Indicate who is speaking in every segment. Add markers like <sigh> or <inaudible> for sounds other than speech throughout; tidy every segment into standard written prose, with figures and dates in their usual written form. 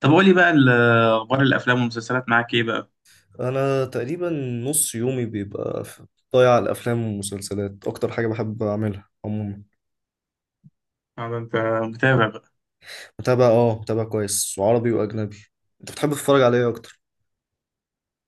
Speaker 1: طب قولي بقى اخبار الافلام والمسلسلات معاك ايه بقى؟
Speaker 2: انا تقريبا نص يومي بيبقى ضايع على الافلام والمسلسلات. اكتر حاجه بحب اعملها عموما.
Speaker 1: انت متابع بقى؟
Speaker 2: متابع كويس، وعربي واجنبي. انت بتحب تتفرج على ايه اكتر؟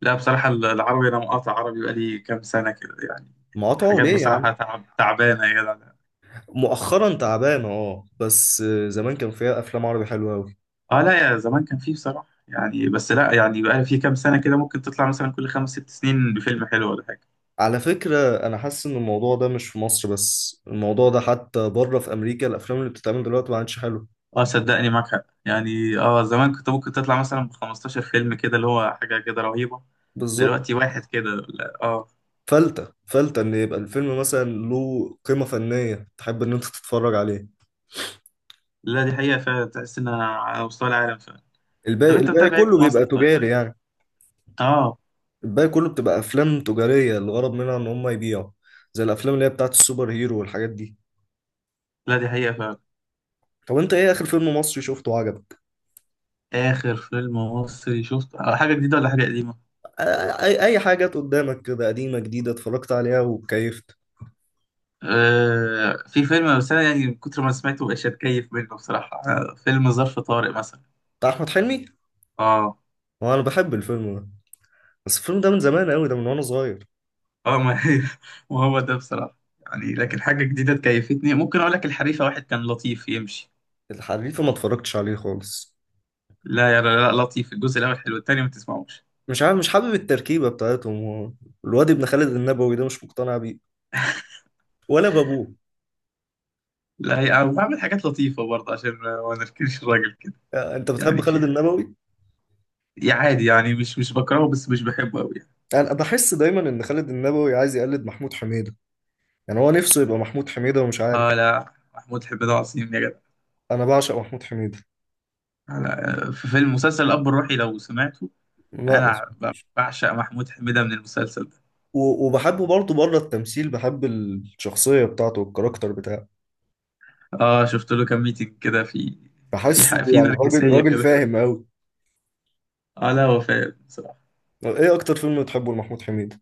Speaker 1: لا، بصراحه العربي، انا مقاطع عربي بقالي كام سنه كده يعني.
Speaker 2: مقاطعه
Speaker 1: حاجات
Speaker 2: ليه يا عم؟
Speaker 1: بصراحه تعبانه يا جدع.
Speaker 2: مؤخرا تعبان اه، بس زمان كان فيها افلام عربي حلوه قوي.
Speaker 1: اه لا، يا زمان كان فيه بصراحه يعني، بس لا يعني بقى في كام سنه كده ممكن تطلع مثلا كل خمس ست سنين بفيلم حلو ولا حاجه.
Speaker 2: على فكره، انا حاسس ان الموضوع ده مش في مصر بس، الموضوع ده حتى بره في امريكا الافلام اللي بتتعمل دلوقتي ما عادش حلوه.
Speaker 1: اه صدقني، معاك حق يعني. اه زمان كنت ممكن تطلع مثلا ب 15 فيلم كده، اللي هو حاجه كده رهيبه.
Speaker 2: بالظبط.
Speaker 1: دلوقتي واحد كده، لا اه.
Speaker 2: فلتة فلتة ان يبقى الفيلم مثلا له قيمه فنيه تحب ان انت تتفرج عليه.
Speaker 1: لا دي حقيقه، فعلا تحس انها على مستوى العالم فعلا. طب
Speaker 2: الباقي
Speaker 1: انت
Speaker 2: الباقي
Speaker 1: متابع ايه
Speaker 2: كله
Speaker 1: في مصر
Speaker 2: بيبقى
Speaker 1: طيب؟
Speaker 2: تجاري يعني.
Speaker 1: اه،
Speaker 2: الباقي كله بتبقى افلام تجاريه، الغرض منها ان هم يبيعوا، زي الافلام اللي هي بتاعت السوبر هيرو والحاجات دي.
Speaker 1: لا دي حقيقة فعلا.
Speaker 2: طب انت ايه اخر فيلم مصري شفته وعجبك؟
Speaker 1: آخر فيلم مصري شفته حاجة جديدة ولا حاجة قديمة؟
Speaker 2: آ- اي حاجه جت قدامك كده، قديمه جديده، اتفرجت عليها وكيفت.
Speaker 1: آه في فيلم، بس أنا يعني من كتر ما سمعته مبقاش أتكيف منه بصراحة. فيلم ظرف طارق مثلا.
Speaker 2: بتاع احمد حلمي.
Speaker 1: آه
Speaker 2: هو انا بحب الفيلم ده، بس الفيلم ده من زمان قوي، ده من وانا صغير.
Speaker 1: آه، ما هي <laughs> ما هو ده بصراحة يعني، لكن حاجة جديدة تكيفتني ممكن أقول لك الحريفة واحد، كان لطيف يمشي.
Speaker 2: الحريفه ما اتفرجتش عليه خالص.
Speaker 1: لا لا، لطيف. الجزء الأول حلو، التاني ما تسمعوش.
Speaker 2: مش عارف، مش حابب التركيبه بتاعتهم هو. الواد ابن خالد النبوي ده مش مقتنع بيه ولا بابوه.
Speaker 1: لا، أنا بعمل حاجات لطيفة برضه عشان ما نركنش الراجل كده.
Speaker 2: آه، انت بتحب
Speaker 1: يعني في
Speaker 2: خالد
Speaker 1: حاجة.
Speaker 2: النبوي.
Speaker 1: يعني عادي، يعني مش بكرهه، بس مش بحبه أوي يعني.
Speaker 2: انا بحس دايما ان خالد النبوي عايز يقلد محمود حميدة. يعني هو نفسه يبقى محمود حميدة ومش عارف.
Speaker 1: آه لا، محمود حميد عظيم يا جدع.
Speaker 2: انا بعشق محمود حميدة.
Speaker 1: أنا في فيلم مسلسل الأب الروحي لو سمعته.
Speaker 2: لا، ما
Speaker 1: أنا
Speaker 2: سمعتوش.
Speaker 1: بعشق محمود حميدة من المسلسل ده.
Speaker 2: وبحبه برضه بره التمثيل، بحب الشخصية بتاعته والكاركتر بتاعه.
Speaker 1: آه شفت له كام ميتنج كده في.
Speaker 2: بحسه
Speaker 1: في
Speaker 2: يعني راجل
Speaker 1: نرجسية
Speaker 2: راجل
Speaker 1: كده.
Speaker 2: فاهم قوي.
Speaker 1: آه لا، هو فاهم بصراحة.
Speaker 2: ايه اكتر فيلم بتحبه لمحمود حميدة؟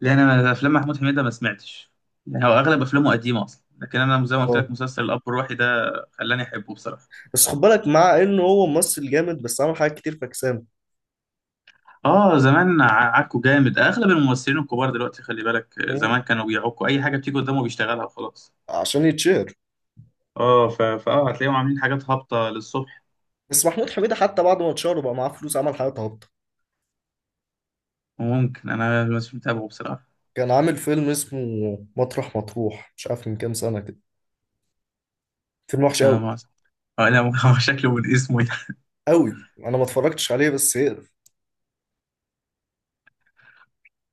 Speaker 1: لأن أنا أفلام محمود حميدة ما سمعتش، يعني هو أغلب أفلامه قديمة أصلا. لكن أنا زي ما قلت
Speaker 2: اه،
Speaker 1: لك مسلسل الأب الروحي ده خلاني أحبه بصراحة.
Speaker 2: بس خد بالك مع انه هو ممثل جامد بس عمل حاجات كتير فكسانة.
Speaker 1: آه زمان عكوا جامد. أغلب الممثلين الكبار دلوقتي، خلي بالك، زمان
Speaker 2: مم.
Speaker 1: كانوا بيعكوا أي حاجة بتيجي قدامه بيشتغلها وخلاص.
Speaker 2: عشان يتشهر.
Speaker 1: آه ف... فآه هتلاقيهم عاملين حاجات هابطة للصبح.
Speaker 2: بس محمود حميدة حتى بعد ما اتشهر وبقى معاه فلوس عمل حاجات هابطة.
Speaker 1: ممكن، انا مش متابعه بصراحه.
Speaker 2: كان عامل فيلم اسمه مطرح مطروح، مش عارف، من كام سنة كده. فيلم وحش
Speaker 1: آه،
Speaker 2: قوي
Speaker 1: ما أعرف. آه لا ممكن. <laughs> هو شكله من اسمه يعني. <laughs>
Speaker 2: قوي، انا ما اتفرجتش عليه بس يقرف.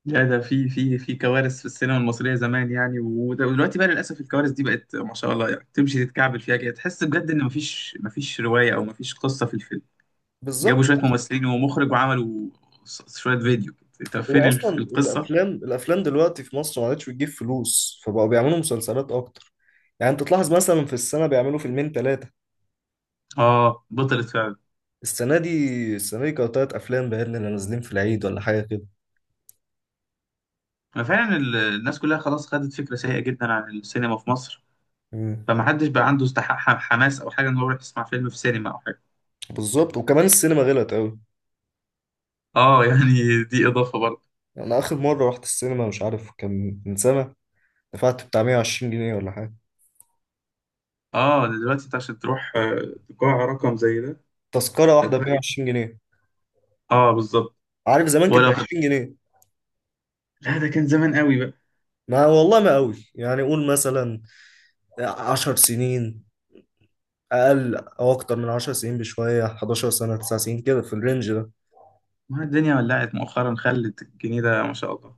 Speaker 1: لا، ده في كوارث في السينما المصريه زمان يعني. ودلوقتي بقى للاسف الكوارث دي بقت ما شاء الله، يعني تمشي تتكعبل فيها كده. تحس بجد ان مفيش روايه او مفيش قصه في الفيلم. جابوا
Speaker 2: بالظبط.
Speaker 1: شويه ممثلين ومخرج وعملوا شويه فيديو. طب فين
Speaker 2: هو اصلا
Speaker 1: القصه؟
Speaker 2: الافلام دلوقتي في مصر ما عادتش بتجيب فلوس، فبقوا بيعملوا مسلسلات اكتر. يعني انت تلاحظ مثلا في السنه بيعملوا فيلمين ثلاثه.
Speaker 1: اه بطلت فعلا.
Speaker 2: السنه دي السنه دي كانوا 3 افلام باين اللي نازلين في العيد ولا حاجه كده.
Speaker 1: ففعلا الناس كلها خلاص خدت فكره سيئه جدا عن السينما في مصر.
Speaker 2: مم.
Speaker 1: فمحدش بقى عنده استحق حماس او حاجه ان هو يروح يسمع فيلم في سينما.
Speaker 2: بالظبط. وكمان السينما غلت قوي.
Speaker 1: اه يعني دي اضافه برضه.
Speaker 2: انا اخر مره رحت السينما مش عارف كان من سنه. دفعت بتاع 120 جنيه ولا حاجه.
Speaker 1: اه دلوقتي انت عشان تروح، قاع رقم زي ده
Speaker 2: تذكره واحده ب
Speaker 1: هتلاقي.
Speaker 2: 120 جنيه.
Speaker 1: اه بالظبط.
Speaker 2: عارف زمان كانت ب
Speaker 1: ولو خد...
Speaker 2: 20 جنيه.
Speaker 1: لا ده كان زمان قوي بقى.
Speaker 2: ما والله ما قوي يعني، قول مثلا 10 سنين، أقل أو أكتر من 10 سنين بشوية، 11 سنة 9 سنين كده، في الرينج ده.
Speaker 1: ما الدنيا ولعت مؤخرا، خلت الجنيه ده ما شاء الله.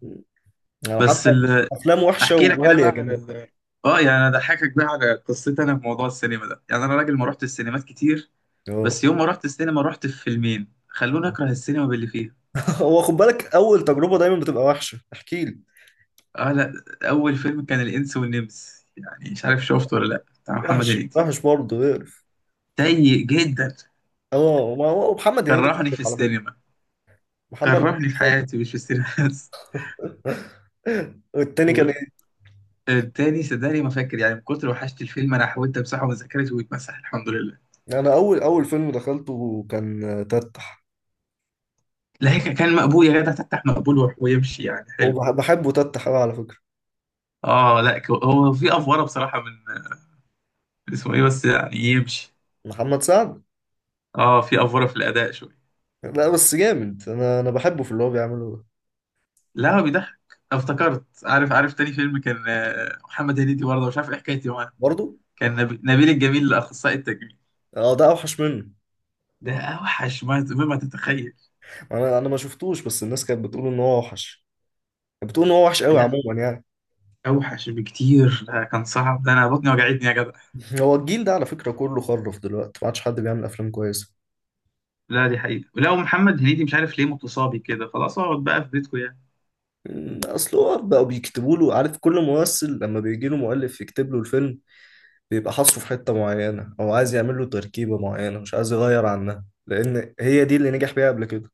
Speaker 2: يعني
Speaker 1: بس
Speaker 2: حتى
Speaker 1: ال...
Speaker 2: أفلام وحشة
Speaker 1: احكي لك انا
Speaker 2: وغالية
Speaker 1: بقى على
Speaker 2: كمان.
Speaker 1: اه يعني انا اضحكك بقى على قصتي. انا في موضوع السينما ده يعني انا راجل ما رحت السينمات كتير.
Speaker 2: أه.
Speaker 1: بس يوم ما رحت السينما، رحت في فيلمين خلوني اكره السينما باللي فيها.
Speaker 2: <laughs> هو خد بالك أول تجربة دايما بتبقى وحشة، احكي لي.
Speaker 1: اه لا، اول فيلم كان الانس والنمس، يعني مش عارف شفته ولا لا، بتاع محمد
Speaker 2: وحش
Speaker 1: هنيدي.
Speaker 2: وحش برضه اقرف.
Speaker 1: سيء جدا.
Speaker 2: أه، ما هو محمد هنيدي
Speaker 1: كرهني في
Speaker 2: خالد على فكرة.
Speaker 1: السينما.
Speaker 2: محمد هنيدي
Speaker 1: كرهني في
Speaker 2: خالد.
Speaker 1: حياتي، مش في السينما بس.
Speaker 2: <laughs> والتاني كان ايه؟
Speaker 1: والتاني صدقني ما فاكر، يعني من كتر وحشت الفيلم انا حاولت امسحه من ذاكرتي، ويتمسح الحمد لله.
Speaker 2: انا اول فيلم دخلته كان تتح.
Speaker 1: لا، هيك كان مقبول يا جدع. تفتح مقبول ويروح ويمشي يعني، حلو.
Speaker 2: وبحبه تتح قوي على فكره.
Speaker 1: اه لا، هو في افوره بصراحه من اسمه ايه، بس يعني يمشي.
Speaker 2: محمد سعد.
Speaker 1: اه في افوره في الاداء شويه.
Speaker 2: لا بس جامد، انا بحبه في اللي هو بيعمله ده.
Speaker 1: لا هو بيضحك. افتكرت. عارف تاني فيلم كان محمد هنيدي برضه، مش عارف ايه حكايتي معاه.
Speaker 2: برضه.
Speaker 1: كان نبيل الجميل الاخصائي التجميل.
Speaker 2: اه، ده اوحش منه.
Speaker 1: ده اوحش ما تتخيل.
Speaker 2: انا ما شفتوش بس الناس كانت بتقول ان هو اوحش. كانت بتقول ان هو وحش قوي
Speaker 1: لا
Speaker 2: عموما يعني.
Speaker 1: اوحش بكتير، ده كان صعب. ده انا بطني وجعتني يا جدع.
Speaker 2: <laughs> هو الجيل ده على فكره كله خرف دلوقتي، ما عادش حد بيعمل افلام كويسه.
Speaker 1: لا دي حقيقة. لا، ومحمد هنيدي مش عارف ليه متصابي كده. خلاص، اقعد بقى في بيتكم يعني.
Speaker 2: اصل هو بقوا بيكتبوا له، عارف، كل ممثل لما بيجي له مؤلف يكتب له الفيلم بيبقى حاصره في حته معينه، او عايز يعمل له تركيبه معينه مش عايز يغير عنها لان هي دي اللي نجح بيها قبل كده.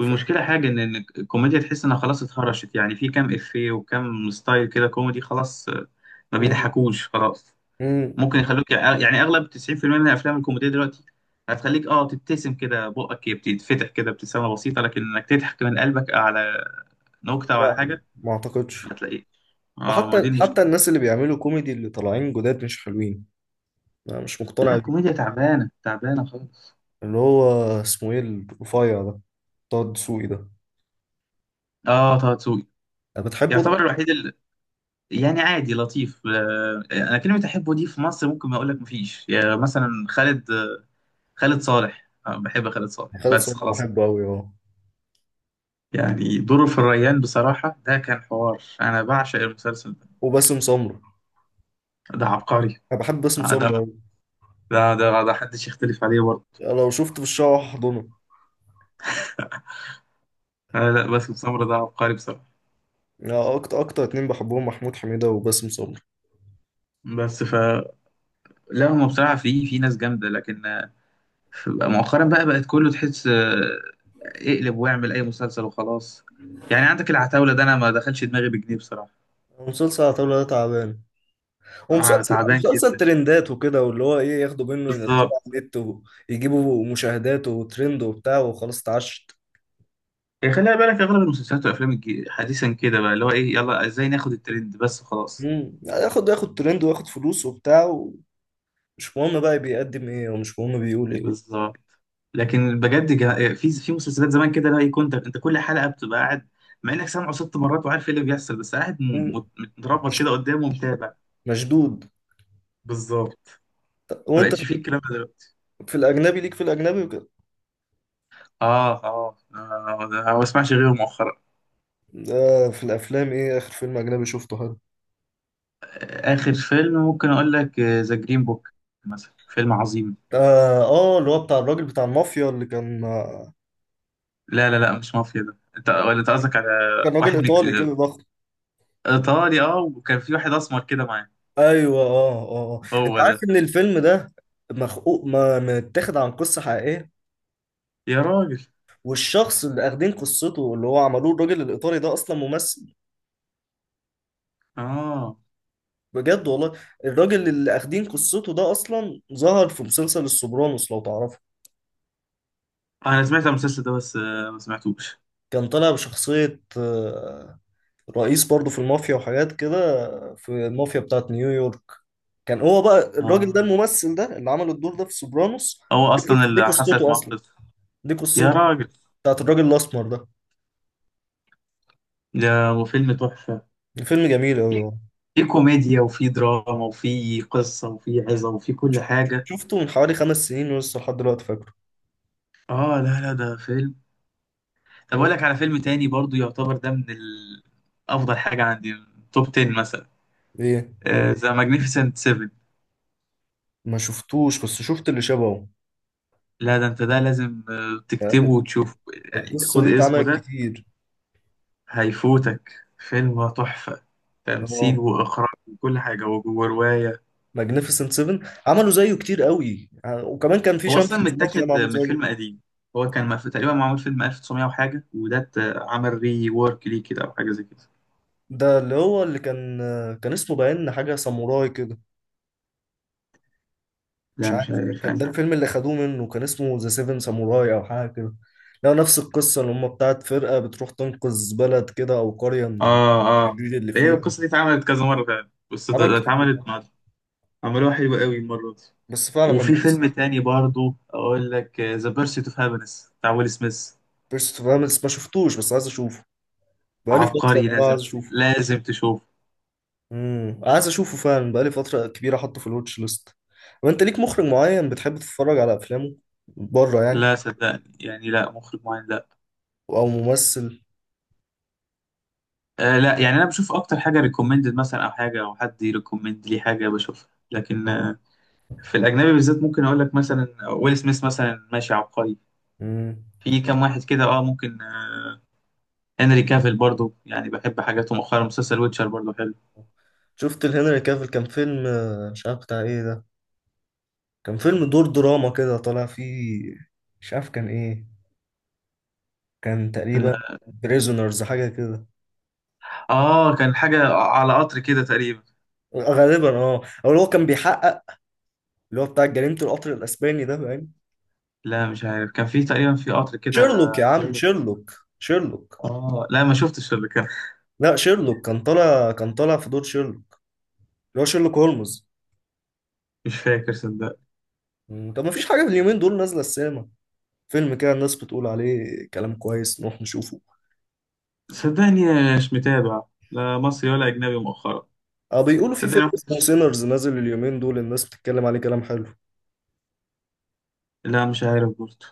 Speaker 2: ف...
Speaker 1: حاجة إن الكوميديا تحس انها خلاص اتهرشت. يعني في كام افيه وكام ستايل كده كوميدي خلاص ما
Speaker 2: أمم،
Speaker 1: بيضحكوش خلاص.
Speaker 2: أمم،
Speaker 1: ممكن يخلوك، يعني اغلب 90% من الافلام الكوميدية دلوقتي هتخليك، تبتسم كده بقك بتتفتح كده ابتسامة بسيطة، لكن انك تضحك من قلبك على نكتة وعلى
Speaker 2: يعني
Speaker 1: حاجة
Speaker 2: ما اعتقدش.
Speaker 1: هتلاقيه. اه، ما دي
Speaker 2: وحتى
Speaker 1: المشكلة.
Speaker 2: حتى الناس اللي بيعملوا كوميدي اللي طالعين جداد مش حلوين. انا مش
Speaker 1: لا
Speaker 2: مقتنع.
Speaker 1: الكوميديا تعبانة تعبانة خالص.
Speaker 2: اللي هو اسمه ايه الرفيع ده، بتاع الدسوقي ده.
Speaker 1: اه، طه دسوقي
Speaker 2: انا بتحبه ده.
Speaker 1: يعتبر الوحيد يعني عادي، لطيف. انا كلمه احبه دي في مصر ممكن ما اقول لك مفيش. يعني مثلا خالد، خالد صالح. بحب خالد صالح
Speaker 2: خالد
Speaker 1: بس،
Speaker 2: صبحي
Speaker 1: خلاص كده.
Speaker 2: بحبه قوي، اه.
Speaker 1: يعني دوره في الريان بصراحه ده كان حوار، انا بعشق المسلسل ده.
Speaker 2: وباسم سمرة.
Speaker 1: ده عبقري.
Speaker 2: انا بحب باسم
Speaker 1: آه،
Speaker 2: سمرة
Speaker 1: ده
Speaker 2: قوي.
Speaker 1: ده ده, ده حدش يختلف عليه برضه.
Speaker 2: لو شفت في الشارع هحضنه.
Speaker 1: آه، لا باسم سمرة ده عبقري بصراحه.
Speaker 2: لا، اكتر اكتر اتنين بحبهم محمود حميدة وباسم سمرة.
Speaker 1: بس ف لا هم بصراحه في ناس جامده، لكن فبقى مؤخرا بقت كله تحس اقلب واعمل اي مسلسل وخلاص. يعني عندك العتاولة ده انا ما دخلش دماغي بجنيه بصراحة.
Speaker 2: مسلسل عتاولة ده تعبان.
Speaker 1: آه،
Speaker 2: ومسلسل
Speaker 1: تعبان
Speaker 2: مسلسل
Speaker 1: جدا.
Speaker 2: ترندات وكده، واللي هو ايه، ياخدوا منه ينزلوا
Speaker 1: بالظبط.
Speaker 2: على النت ويجيبوا مشاهدات وترند وبتاع وخلاص اتعشت.
Speaker 1: يعني خليها بالك اغلب المسلسلات والافلام حديثا كده بقى اللي هو ايه، يلا ازاي ناخد الترند بس خلاص.
Speaker 2: ياخد ترند وياخد فلوس وبتاع، ومش مهم بقى بيقدم ايه ومش مهم بيقول ايه.
Speaker 1: بالظبط. لكن بجد، في مسلسلات زمان كده، لا كنت انت كل حلقة بتبقى قاعد مع انك سامعه ست مرات وعارف ايه اللي بيحصل، بس قاعد
Speaker 2: مم.
Speaker 1: متربط
Speaker 2: مش
Speaker 1: كده قدامه ومتابع.
Speaker 2: مشدود.
Speaker 1: بالظبط. ما
Speaker 2: وانت
Speaker 1: بقتش فيه الكلام ده.
Speaker 2: في الاجنبي ليك، في الاجنبي وكده.
Speaker 1: اه اه، ده ما بسمعش غيره مؤخرا.
Speaker 2: آه، في الافلام، ايه اخر فيلم اجنبي شفته حلو؟
Speaker 1: آه، اخر فيلم ممكن اقول لك ذا جرين بوك مثلا، فيلم عظيم.
Speaker 2: اه اه، اللي هو بتاع الراجل بتاع المافيا اللي كان آه.
Speaker 1: لا لا لا، مش مافيا. ده انت ولا انت قصدك على
Speaker 2: كان راجل
Speaker 1: واحد
Speaker 2: ايطالي كده ضخم.
Speaker 1: ايطالي، وكان في واحد اسمر كده معاه.
Speaker 2: ايوه اه اه، انت
Speaker 1: هو
Speaker 2: عارف
Speaker 1: ده.
Speaker 2: ان الفيلم ده مخقوق ما متاخد عن قصه حقيقيه؟
Speaker 1: يا راجل.
Speaker 2: والشخص اللي اخدين قصته اللي هو عملوه الراجل الايطالي ده اصلا ممثل.
Speaker 1: اه
Speaker 2: بجد والله. الراجل اللي اخدين قصته ده اصلا ظهر في مسلسل السوبرانوس لو تعرفه.
Speaker 1: انا سمعت المسلسل ده بس ما سمعتوش.
Speaker 2: كان طالع بشخصيه آه، رئيس برضه في المافيا وحاجات كده، في المافيا بتاعت نيويورك. كان هو بقى الراجل ده
Speaker 1: اه،
Speaker 2: الممثل ده اللي عمل الدور ده في سوبرانوس.
Speaker 1: هو اصلا
Speaker 2: دي
Speaker 1: اللي حصلت
Speaker 2: قصته
Speaker 1: معاه
Speaker 2: اصلا.
Speaker 1: قصة.
Speaker 2: دي
Speaker 1: يا
Speaker 2: قصته
Speaker 1: راجل.
Speaker 2: بتاعت الراجل الاسمر ده.
Speaker 1: ده وفيلم تحفة.
Speaker 2: الفيلم جميل قوي.
Speaker 1: في كوميديا وفي دراما وفي قصة وفي عظة وفي كل حاجة.
Speaker 2: شفته من حوالي 5 سنين ولسه لحد دلوقتي فاكره.
Speaker 1: اه لا لا ده فيلم. طب اقول
Speaker 2: فاهم؟
Speaker 1: لك على فيلم تاني برضو يعتبر ده من افضل حاجه عندي من توب 10 مثلا،
Speaker 2: ايه،
Speaker 1: ذا ماجنيفيسنت 7.
Speaker 2: ما شفتوش بس شفت اللي شبهه
Speaker 1: لا ده انت ده لازم تكتبه
Speaker 2: يعني.
Speaker 1: وتشوفه. يعني
Speaker 2: القصه دي
Speaker 1: خد اسمه
Speaker 2: اتعملت
Speaker 1: ده،
Speaker 2: كتير.
Speaker 1: هيفوتك. فيلم تحفه، تمثيل
Speaker 2: اه.
Speaker 1: واخراج وكل حاجه وجوه روايه.
Speaker 2: ماجنيفيسنت 7. عملوا زيه كتير قوي وكمان كان في
Speaker 1: هو
Speaker 2: شان في
Speaker 1: اصلا
Speaker 2: زناتي ده
Speaker 1: متاخد
Speaker 2: معمول
Speaker 1: من
Speaker 2: زيه.
Speaker 1: فيلم قديم. هو كان تقريبا معمول فيلم 1900 وحاجه، وده عمل ري وورك ليه كده او حاجه زي كده.
Speaker 2: ده اللي هو اللي كان اسمه باين حاجه ساموراي كده، مش
Speaker 1: لا مش
Speaker 2: عارف
Speaker 1: عارف
Speaker 2: كان ده
Speaker 1: أنا.
Speaker 2: الفيلم اللي خدوه منه. كان اسمه ذا سيفن ساموراي او حاجه كده. لا، نفس القصه اللي هم بتاعت فرقه بتروح تنقذ بلد كده او قريه من
Speaker 1: اه اه.
Speaker 2: الشرير اللي
Speaker 1: هي
Speaker 2: فيها.
Speaker 1: القصه دي اتعملت كذا مره فعلا، بس ده-
Speaker 2: عمل
Speaker 1: ده
Speaker 2: كتير.
Speaker 1: اتعملت. عملوها حلوة قوي المرة دي.
Speaker 2: بس فعلا ما
Speaker 1: وفي
Speaker 2: جبتش.
Speaker 1: فيلم تاني برضو أقول لك ذا بيرسيت أوف هابينس بتاع ويل سميث.
Speaker 2: بيرست فاملز ما شفتوش بس عايز اشوفه، بقالي فتره.
Speaker 1: عبقري،
Speaker 2: والله
Speaker 1: لازم.
Speaker 2: عايز اشوفه.
Speaker 1: لازم تشوفه.
Speaker 2: عايز اشوفه فعلا، بقالي فتره كبيره. احطه في الواتش ليست. وانت ليك مخرج معين بتحب تتفرج على افلامه بره يعني؟
Speaker 1: لا صدقني، يعني لا مخرج معين لا.
Speaker 2: او ممثل؟
Speaker 1: آه لا، يعني أنا بشوف أكتر حاجة ريكومندد مثلا، أو حاجة أو حد يريكومند لي حاجة بشوفها، لكن
Speaker 2: اه.
Speaker 1: آه في الأجنبي بالذات ممكن أقول لك مثلا ويل سميث مثلا، ماشي عبقري.
Speaker 2: امم
Speaker 1: في كام واحد كده، ممكن هنري كافيل برضو يعني بحب حاجاته مؤخرا. مسلسل ويتشر برضو حلو.
Speaker 2: شفت الهنري كافيل كان فيلم آه، مش عارف بتاع ايه ده. كان فيلم دور دراما كده طالع فيه. مش عارف كان ايه. كان تقريبا
Speaker 1: اه
Speaker 2: بريزونرز حاجة كده.
Speaker 1: كان حاجة على قطر كده تقريبا.
Speaker 2: غالبا اه، او اللي هو كان بيحقق، اللي هو بتاع جريمة القطر الاسباني ده، فاهم؟
Speaker 1: لا مش عارف، كان في تقريبا في قطر كده
Speaker 2: شيرلوك يا عم،
Speaker 1: زي.
Speaker 2: شيرلوك. شيرلوك.
Speaker 1: اه لا ما شفتش اللي كان.
Speaker 2: لا، شيرلوك كان طالع في دور شيرلوك، اللي هو شيرلوك هولمز.
Speaker 1: مش فاكر صدق.
Speaker 2: طب ما فيش حاجة في اليومين دول نازلة السينما، فيلم كده الناس بتقول عليه كلام كويس نروح نشوفه؟
Speaker 1: صدقني مش متابع، لا مصري ولا اجنبي مؤخرا.
Speaker 2: اه، بيقولوا في
Speaker 1: صدقني
Speaker 2: فيلم
Speaker 1: ما
Speaker 2: اسمه
Speaker 1: كنتش،
Speaker 2: سينرز نازل اليومين دول الناس بتتكلم عليه كلام حلو.
Speaker 1: لا مش عارف برضه.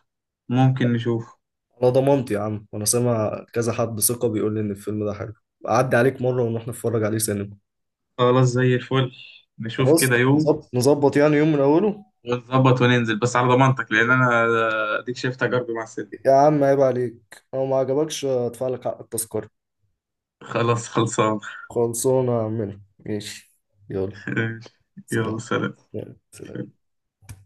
Speaker 1: ممكن نشوف.
Speaker 2: على ضمانتي يا عم، وانا سامع كذا حد ثقة بيقول لي ان الفيلم ده حلو. اعدي عليك مرة ونروح نتفرج عليه سينما.
Speaker 1: خلاص زي الفل. نشوف كده
Speaker 2: خلاص،
Speaker 1: يوم
Speaker 2: نظبط نظبط يعني، يوم من اوله.
Speaker 1: ونظبط وننزل. بس على ضمانتك، لان انا اديك شايف تجاربي مع السينما.
Speaker 2: يا عم عيب عليك، لو ما عجبكش ادفع لك حق التذكرة.
Speaker 1: خلاص، خلصان.
Speaker 2: خلصونا منه، ماشي. يلا
Speaker 1: <laughs> يلا
Speaker 2: سلام.
Speaker 1: سلام.
Speaker 2: يلا سلام.